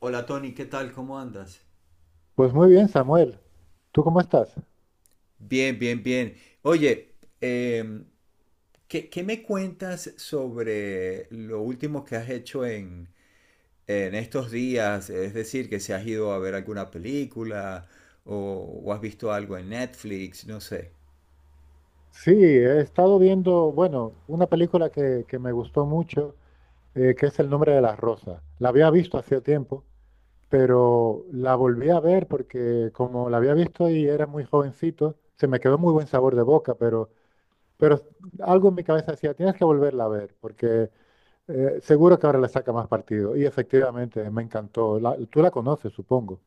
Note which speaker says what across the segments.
Speaker 1: Hola Tony, ¿qué tal? ¿Cómo andas?
Speaker 2: Pues muy bien, Samuel. ¿Tú cómo estás?
Speaker 1: Bien, bien, bien. Oye, em, ¿qué me cuentas sobre lo último que has hecho en estos días? Es decir, que si has ido a ver alguna película o, o has visto algo en Netflix, no sé.
Speaker 2: Sí, he estado viendo, bueno, una película que me gustó mucho, que es El nombre de las rosas. La había visto hacía tiempo, pero la volví a ver porque como la había visto y era muy jovencito, se me quedó muy buen sabor de boca, pero algo en mi cabeza decía, tienes que volverla a ver, porque seguro que ahora le saca más partido. Y efectivamente, me encantó. Tú la conoces, supongo.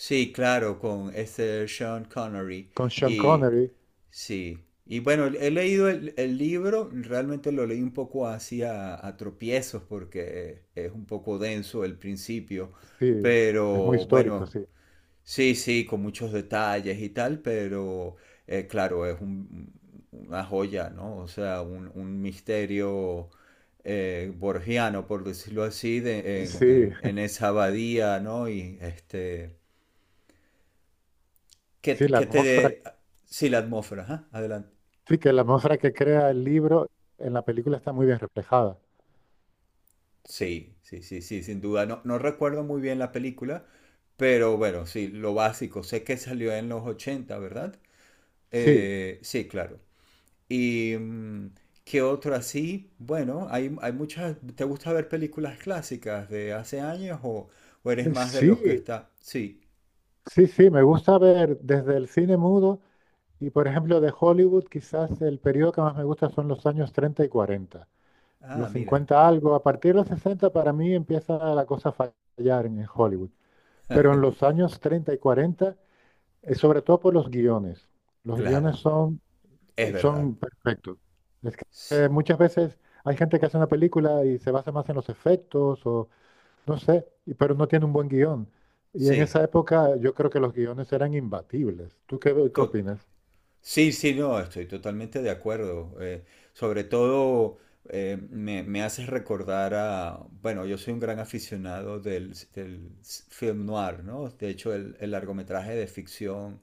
Speaker 1: Sí, claro, con este Sean Connery.
Speaker 2: Con Sean
Speaker 1: Y
Speaker 2: Connery,
Speaker 1: sí. Y bueno, he leído el libro, realmente lo leí un poco así a tropiezos porque es un poco denso el principio,
Speaker 2: sí, es muy
Speaker 1: pero
Speaker 2: histórico,
Speaker 1: bueno,
Speaker 2: sí.
Speaker 1: sí, sí, con muchos detalles y tal, pero claro, una joya, ¿no? O sea, un misterio borgiano, por decirlo así,
Speaker 2: Sí,
Speaker 1: en esa abadía, ¿no? Y este
Speaker 2: Sí, la
Speaker 1: que te
Speaker 2: atmósfera,
Speaker 1: dé... Sí, la atmósfera, ajá. Adelante.
Speaker 2: sí, que la atmósfera que crea el libro en la película está muy bien reflejada.
Speaker 1: Sí, sí, sí, sí, sin duda. No, no recuerdo muy bien la película, pero bueno, sí, lo básico. Sé que salió en los ochenta, ¿verdad?
Speaker 2: Sí,
Speaker 1: Sí, claro. ¿Y qué otro así? Bueno, hay muchas... ¿Te gusta ver películas clásicas de hace años o eres
Speaker 2: eh,
Speaker 1: más de los que
Speaker 2: sí,
Speaker 1: está... Sí.
Speaker 2: sí, me gusta ver desde el cine mudo y, por ejemplo, de Hollywood, quizás el periodo que más me gusta son los años 30 y 40.
Speaker 1: Ah,
Speaker 2: Los
Speaker 1: mira.
Speaker 2: 50 algo, a partir de los 60 para mí empieza la cosa a fallar en Hollywood. Pero en los años 30 y 40, sobre todo por los guiones. Los guiones
Speaker 1: Claro,
Speaker 2: son
Speaker 1: es verdad.
Speaker 2: Son perfectos. Es que
Speaker 1: Sí,
Speaker 2: muchas veces hay gente que hace una película y se basa más en los efectos o no sé, pero no tiene un buen guión. Y en
Speaker 1: sí,
Speaker 2: esa época yo creo que los guiones eran imbatibles. ¿Tú qué
Speaker 1: to-
Speaker 2: opinas?
Speaker 1: Sí, sí, no, estoy totalmente de acuerdo. Sobre todo me haces recordar a, bueno, yo soy un gran aficionado del film noir, ¿no? De hecho, el largometraje de ficción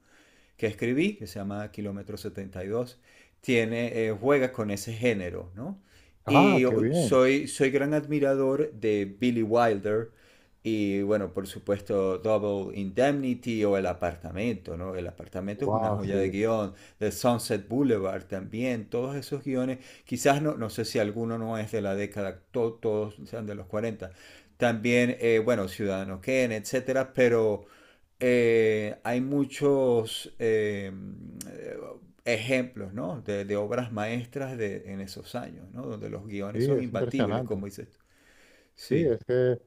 Speaker 1: que escribí, que se llama Kilómetro setenta y dos tiene, juega con ese género, ¿no?
Speaker 2: Ah,
Speaker 1: Y
Speaker 2: qué bien.
Speaker 1: soy gran admirador de Billy Wilder y, bueno, por supuesto, Double Indemnity o El Apartamento, ¿no? El Apartamento es una
Speaker 2: Wow,
Speaker 1: joya de
Speaker 2: sí.
Speaker 1: guión. The Sunset Boulevard también, todos esos guiones, quizás no sé si alguno no es de la década, todos sean de los 40 también, bueno, Ciudadano Kane, etcétera, pero hay muchos ejemplos, ¿no?, de obras maestras de, en esos años, ¿no?, donde los guiones
Speaker 2: Sí,
Speaker 1: son
Speaker 2: es
Speaker 1: imbatibles, como
Speaker 2: impresionante.
Speaker 1: dices tú.
Speaker 2: Sí,
Speaker 1: Sí,
Speaker 2: es que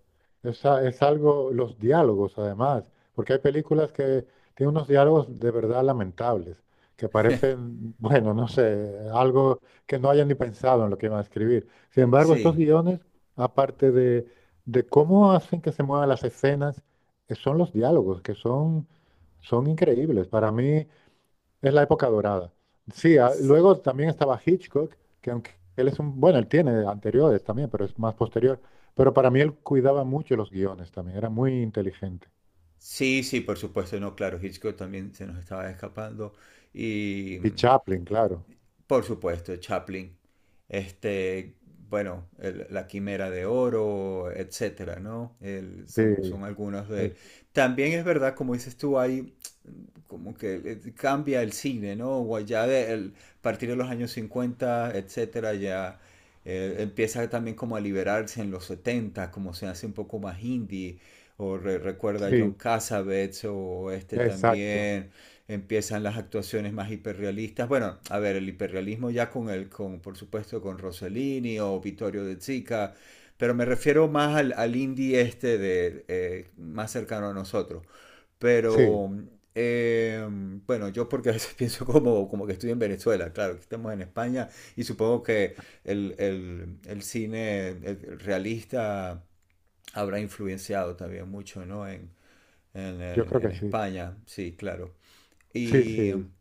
Speaker 2: es algo, los diálogos además, porque hay películas que tienen unos diálogos de verdad lamentables, que parecen, bueno, no sé, algo que no hayan ni pensado en lo que iban a escribir. Sin embargo, estos
Speaker 1: sí.
Speaker 2: guiones, aparte de, de cómo hacen que se muevan las escenas, son los diálogos, son increíbles. Para mí, es la época dorada. Sí, ah,
Speaker 1: s-
Speaker 2: luego también estaba Hitchcock, que aunque bueno, él tiene anteriores también, pero es más posterior. Pero para mí él cuidaba mucho los guiones también, era muy inteligente.
Speaker 1: Sí, sí, por supuesto, no, claro, Hitchcock también se nos estaba escapando y
Speaker 2: Y Chaplin, claro.
Speaker 1: por supuesto, Chaplin. Este, bueno, La Quimera de Oro, etcétera, ¿no?
Speaker 2: Sí,
Speaker 1: Son algunos de...
Speaker 2: él-
Speaker 1: También es verdad, como dices tú, hay como que cambia el cine, ¿no? O ya a partir de los años cincuenta, etcétera, ya empieza también como a liberarse en los setenta, como se hace un poco más indie, o recuerda a John
Speaker 2: sí,
Speaker 1: Cassavetes, o este
Speaker 2: exacto.
Speaker 1: también, empiezan las actuaciones más hiperrealistas. Bueno, a ver, el hiperrealismo ya con por supuesto, con Rossellini o Vittorio de Sica, pero me refiero más al indie este de más cercano a nosotros.
Speaker 2: Sí,
Speaker 1: Pero eh, bueno, yo porque a veces pienso como, como que estoy en Venezuela, claro, que estamos en España y supongo que el cine el realista habrá influenciado también mucho, ¿no?
Speaker 2: yo creo
Speaker 1: En
Speaker 2: que sí.
Speaker 1: España, sí, claro.
Speaker 2: Sí,
Speaker 1: Y
Speaker 2: sí.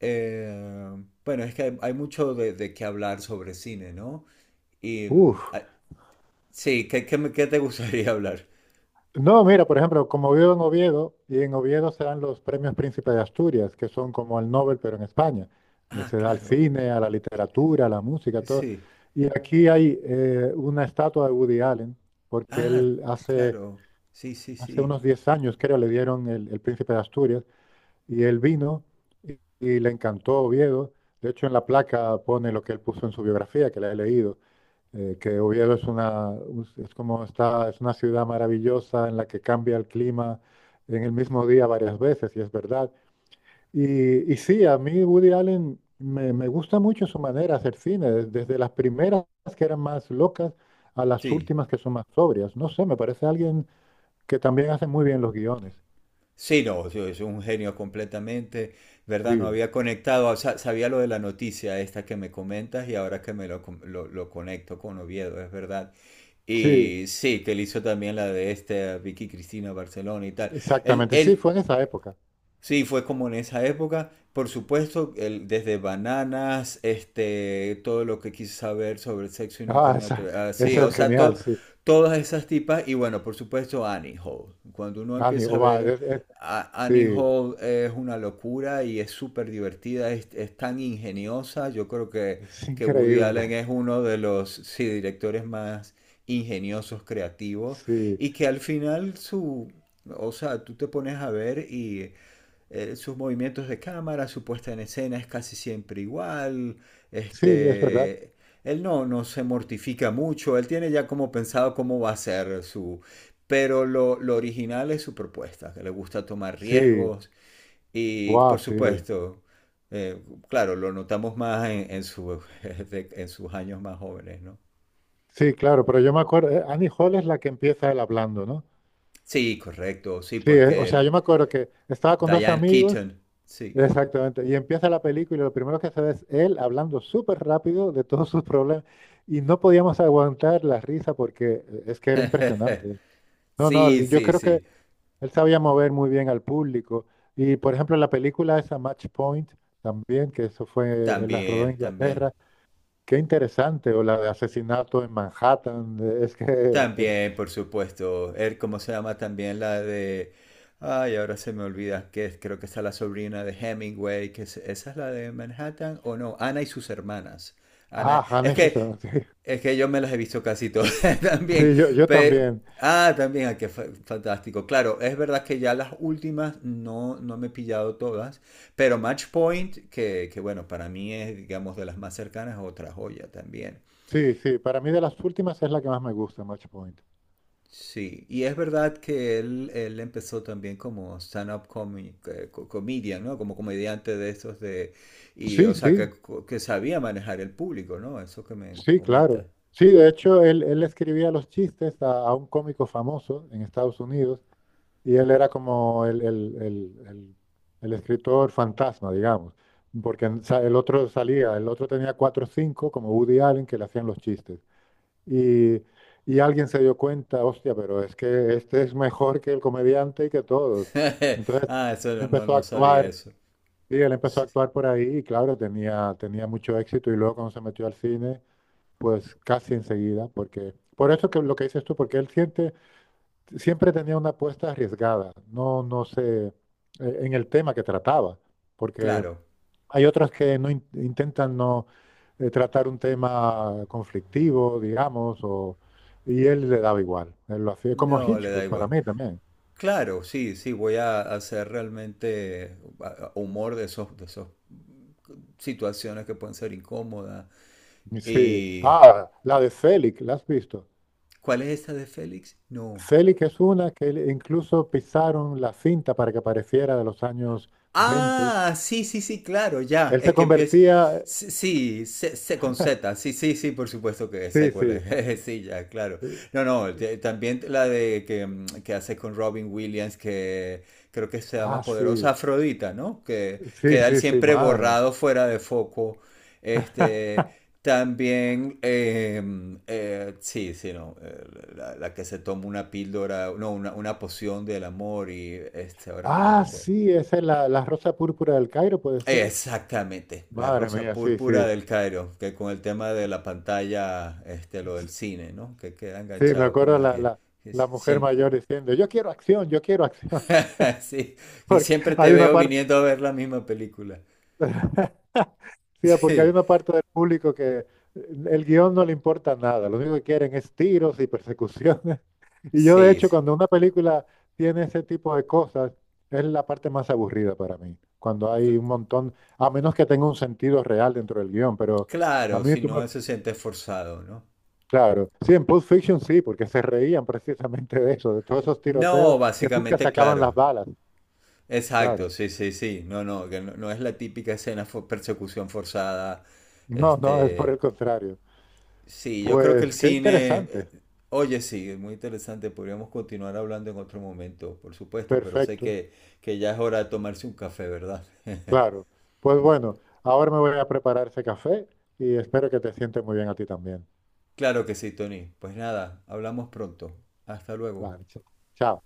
Speaker 1: eh, bueno, es que hay mucho de qué hablar sobre cine, ¿no? Y
Speaker 2: Uf.
Speaker 1: sí, ¿qué te gustaría hablar?
Speaker 2: No, mira, por ejemplo, como vivo en Oviedo, y en Oviedo se dan los premios Príncipe de Asturias, que son como el Nobel, pero en España.
Speaker 1: Ah,
Speaker 2: Se da al
Speaker 1: claro,
Speaker 2: cine, a la literatura, a la música, todo.
Speaker 1: sí.
Speaker 2: Y aquí hay una estatua de Woody Allen, porque
Speaker 1: Ah, claro, sí, sí,
Speaker 2: hace
Speaker 1: sí.
Speaker 2: unos 10 años, creo, le dieron el Príncipe de Asturias, y él vino y, y le encantó Oviedo. De hecho, en la placa pone lo que él puso en su biografía, que la he leído, que Oviedo es una, un- es como está, es una ciudad maravillosa en la que cambia el clima en el mismo día varias veces, y es verdad. Y sí, a mí Woody Allen me gusta mucho su manera de hacer cine, desde las primeras que eran más locas a las
Speaker 1: Sí,
Speaker 2: últimas que son más sobrias. No sé, me parece alguien que también hace muy bien los guiones.
Speaker 1: sí, no, yo- es un genio completamente, ¿verdad? No
Speaker 2: Sí,
Speaker 1: había conectado, o sea, sabía lo de la noticia esta que me comentas y ahora que me lo, lo conecto con Oviedo, es verdad.
Speaker 2: sí,
Speaker 1: Y sí, que él hizo también la de este Vicky Cristina Barcelona y tal. Él,
Speaker 2: exactamente. Sí,
Speaker 1: él,
Speaker 2: fue en esa época.
Speaker 1: Sí, fue como en esa época. Por supuesto, el- desde Bananas, este, todo lo que quise saber sobre el sexo y nunca
Speaker 2: Ah,
Speaker 1: me
Speaker 2: esa,
Speaker 1: atreví. Ah, sí,
Speaker 2: esa
Speaker 1: o
Speaker 2: es
Speaker 1: sea,
Speaker 2: genial, sí.
Speaker 1: todas esas tipas. Y bueno, por supuesto, Annie Hall. Cuando uno
Speaker 2: Ani,
Speaker 1: empieza a
Speaker 2: guau,
Speaker 1: ver
Speaker 2: es-
Speaker 1: Annie
Speaker 2: Sí,
Speaker 1: Hall es una locura y es súper divertida, es tan ingeniosa. Yo creo
Speaker 2: es
Speaker 1: que Woody Allen
Speaker 2: increíble.
Speaker 1: es uno de los sí, directores más ingeniosos, creativos.
Speaker 2: Sí,
Speaker 1: Y que al final o sea, tú te pones a ver y sus movimientos de cámara, su puesta en escena es casi siempre igual,
Speaker 2: sí, es verdad.
Speaker 1: este, él no, no se mortifica mucho, él tiene ya como pensado cómo va a ser su... Pero lo original es su propuesta, que le gusta tomar
Speaker 2: Sí,
Speaker 1: riesgos y
Speaker 2: wow,
Speaker 1: por
Speaker 2: sí.
Speaker 1: supuesto, eh, claro, lo notamos más su, en sus años más jóvenes, ¿no?
Speaker 2: Sí, claro, pero yo me acuerdo, Annie Hall es la que empieza él hablando, ¿no?
Speaker 1: Sí, correcto, sí,
Speaker 2: Sí, o
Speaker 1: porque
Speaker 2: sea, yo
Speaker 1: el
Speaker 2: me acuerdo que estaba con dos
Speaker 1: Diane
Speaker 2: amigos,
Speaker 1: Keaton, sí.
Speaker 2: exactamente, y empieza la película y lo primero que se ve es él hablando súper rápido de todos sus problemas y no podíamos aguantar la risa porque es que era impresionante. No, no,
Speaker 1: Sí,
Speaker 2: l- yo
Speaker 1: sí,
Speaker 2: creo que
Speaker 1: sí,
Speaker 2: él sabía mover muy bien al público y, por ejemplo, la película esa Match Point también, él la rodó en
Speaker 1: también, también.
Speaker 2: Inglaterra. Qué interesante, o la de asesinato en Manhattan, es que es...
Speaker 1: También, por supuesto. Er, ¿cómo se llama también la de... Ay, ahora se me olvida que es- creo que está la sobrina de Hemingway, que es- esa es la de Manhattan o no, Ana y sus hermanas.
Speaker 2: Ah,
Speaker 1: Ana,
Speaker 2: han
Speaker 1: es
Speaker 2: hecho
Speaker 1: que
Speaker 2: eso, sí.
Speaker 1: es que yo me las he visto casi todas también.
Speaker 2: Sí, yo
Speaker 1: Pe-
Speaker 2: también.
Speaker 1: ah, también, ah, qué fantástico. Claro, es verdad que ya las últimas no no me he pillado todas, pero Match Point, que bueno, para mí es digamos de las más cercanas, otra joya también.
Speaker 2: Sí, sí, para mí de las últimas es la que más me gusta, Match Point.
Speaker 1: Sí, y es verdad que él empezó también como stand-up comedian, ¿no? Como comediante de esos de... Y, o
Speaker 2: Sí,
Speaker 1: sea,
Speaker 2: sí,
Speaker 1: que sabía manejar el público, ¿no? Eso que me
Speaker 2: sí,
Speaker 1: comenta.
Speaker 2: claro. Sí, de hecho, él escribía los chistes a un cómico famoso en Estados Unidos y él era como el escritor fantasma, digamos, porque el otro salía, el otro tenía 4 o 5, como Woody Allen, que le hacían los chistes. Y, y alguien se dio cuenta, hostia, pero es que este es mejor que el comediante y que todos. Entonces,
Speaker 1: Ah, eso
Speaker 2: él
Speaker 1: no, no,
Speaker 2: empezó a
Speaker 1: no sabía
Speaker 2: actuar,
Speaker 1: eso.
Speaker 2: y él empezó a
Speaker 1: Sí,
Speaker 2: actuar por ahí y claro, tenía mucho éxito y luego cuando se metió al cine, pues casi enseguida, porque por eso que lo que dices tú, porque siempre tenía una apuesta arriesgada, no, no sé, en el tema que trataba, porque
Speaker 1: claro,
Speaker 2: hay otras que no intentan no tratar un tema conflictivo, digamos, o, y él le daba igual. Él lo hacía como
Speaker 1: no le da
Speaker 2: Hitchcock para
Speaker 1: igual.
Speaker 2: mí también.
Speaker 1: Claro, sí, sí, voy a hacer realmente humor de esos, de esas situaciones que pueden ser incómodas.
Speaker 2: Sí.
Speaker 1: ¿Y
Speaker 2: Ah, la de Selig, ¿la has visto?
Speaker 1: cuál es esta de Félix? No.
Speaker 2: Selig es una que incluso pisaron la cinta para que pareciera de los años 20.
Speaker 1: Ah, sí, sí, sí, claro, ya.
Speaker 2: Él se
Speaker 1: Es que empieza.
Speaker 2: convertía,
Speaker 1: Sí, sí, se con Z. Sí, sí, sí, por supuesto que sé
Speaker 2: sí,
Speaker 1: cuál es.
Speaker 2: sí,
Speaker 1: Jeje, sí, ya, claro.
Speaker 2: eh,
Speaker 1: No, no, te- también la de que, que hace con Robin Williams, que creo que se llama
Speaker 2: ah, sí,
Speaker 1: Poderosa Afrodita, ¿no? Que
Speaker 2: sí,
Speaker 1: queda él
Speaker 2: sí, sí,
Speaker 1: siempre
Speaker 2: madre mía.
Speaker 1: borrado fuera de foco. Este. También, sí, sí, no, la que se toma una píldora, no, una poción del amor y este, ahora no me
Speaker 2: Ah,
Speaker 1: recuerdo.
Speaker 2: sí, esa es la rosa púrpura del Cairo, puede ser.
Speaker 1: Exactamente, la
Speaker 2: Madre
Speaker 1: rosa
Speaker 2: mía, sí, sí.
Speaker 1: púrpura del Cairo, que con el tema de la pantalla, este, lo del cine, ¿no? Que queda
Speaker 2: Sí, me
Speaker 1: enganchado con
Speaker 2: acuerdo
Speaker 1: la que
Speaker 2: la mujer
Speaker 1: siempre,
Speaker 2: mayor diciendo, yo quiero acción, yo quiero acción.
Speaker 1: sí, que
Speaker 2: Porque
Speaker 1: siempre te
Speaker 2: hay una
Speaker 1: veo
Speaker 2: parte,
Speaker 1: viniendo a ver la misma película.
Speaker 2: sí, porque hay
Speaker 1: Sí,
Speaker 2: una parte del público que el guión no le importa nada, lo único que quieren es tiros y persecuciones. Y yo, de
Speaker 1: sí,
Speaker 2: hecho,
Speaker 1: sí.
Speaker 2: cuando una película tiene ese tipo de cosas, es la parte más aburrida para mí. Cuando hay
Speaker 1: Cl-
Speaker 2: un montón, a menos que tenga un sentido real dentro del guión, pero a
Speaker 1: claro,
Speaker 2: mí
Speaker 1: si
Speaker 2: tú me
Speaker 1: no se siente forzado, ¿no?
Speaker 2: Claro, sí, en Pulp Fiction sí, porque se reían precisamente de eso, de todos esos
Speaker 1: No,
Speaker 2: tiroteos que nunca
Speaker 1: básicamente,
Speaker 2: sacaban las
Speaker 1: claro.
Speaker 2: balas.
Speaker 1: Exacto,
Speaker 2: Claro,
Speaker 1: sí, sí, sí. No, no, que no, no es la típica escena persecución forzada,
Speaker 2: no, no, es por
Speaker 1: este,
Speaker 2: el contrario.
Speaker 1: sí, yo creo que el
Speaker 2: Pues qué
Speaker 1: cine,
Speaker 2: interesante,
Speaker 1: oye, sí, es muy interesante, podríamos continuar hablando en otro momento, por supuesto, pero sé
Speaker 2: perfecto,
Speaker 1: que ya es hora de tomarse un café, ¿verdad?
Speaker 2: claro. Pues bueno, ahora me voy a preparar ese café y espero que te sientes muy bien a ti también.
Speaker 1: Claro que sí, Tony. Pues nada, hablamos pronto. Hasta luego.
Speaker 2: Vale, chao.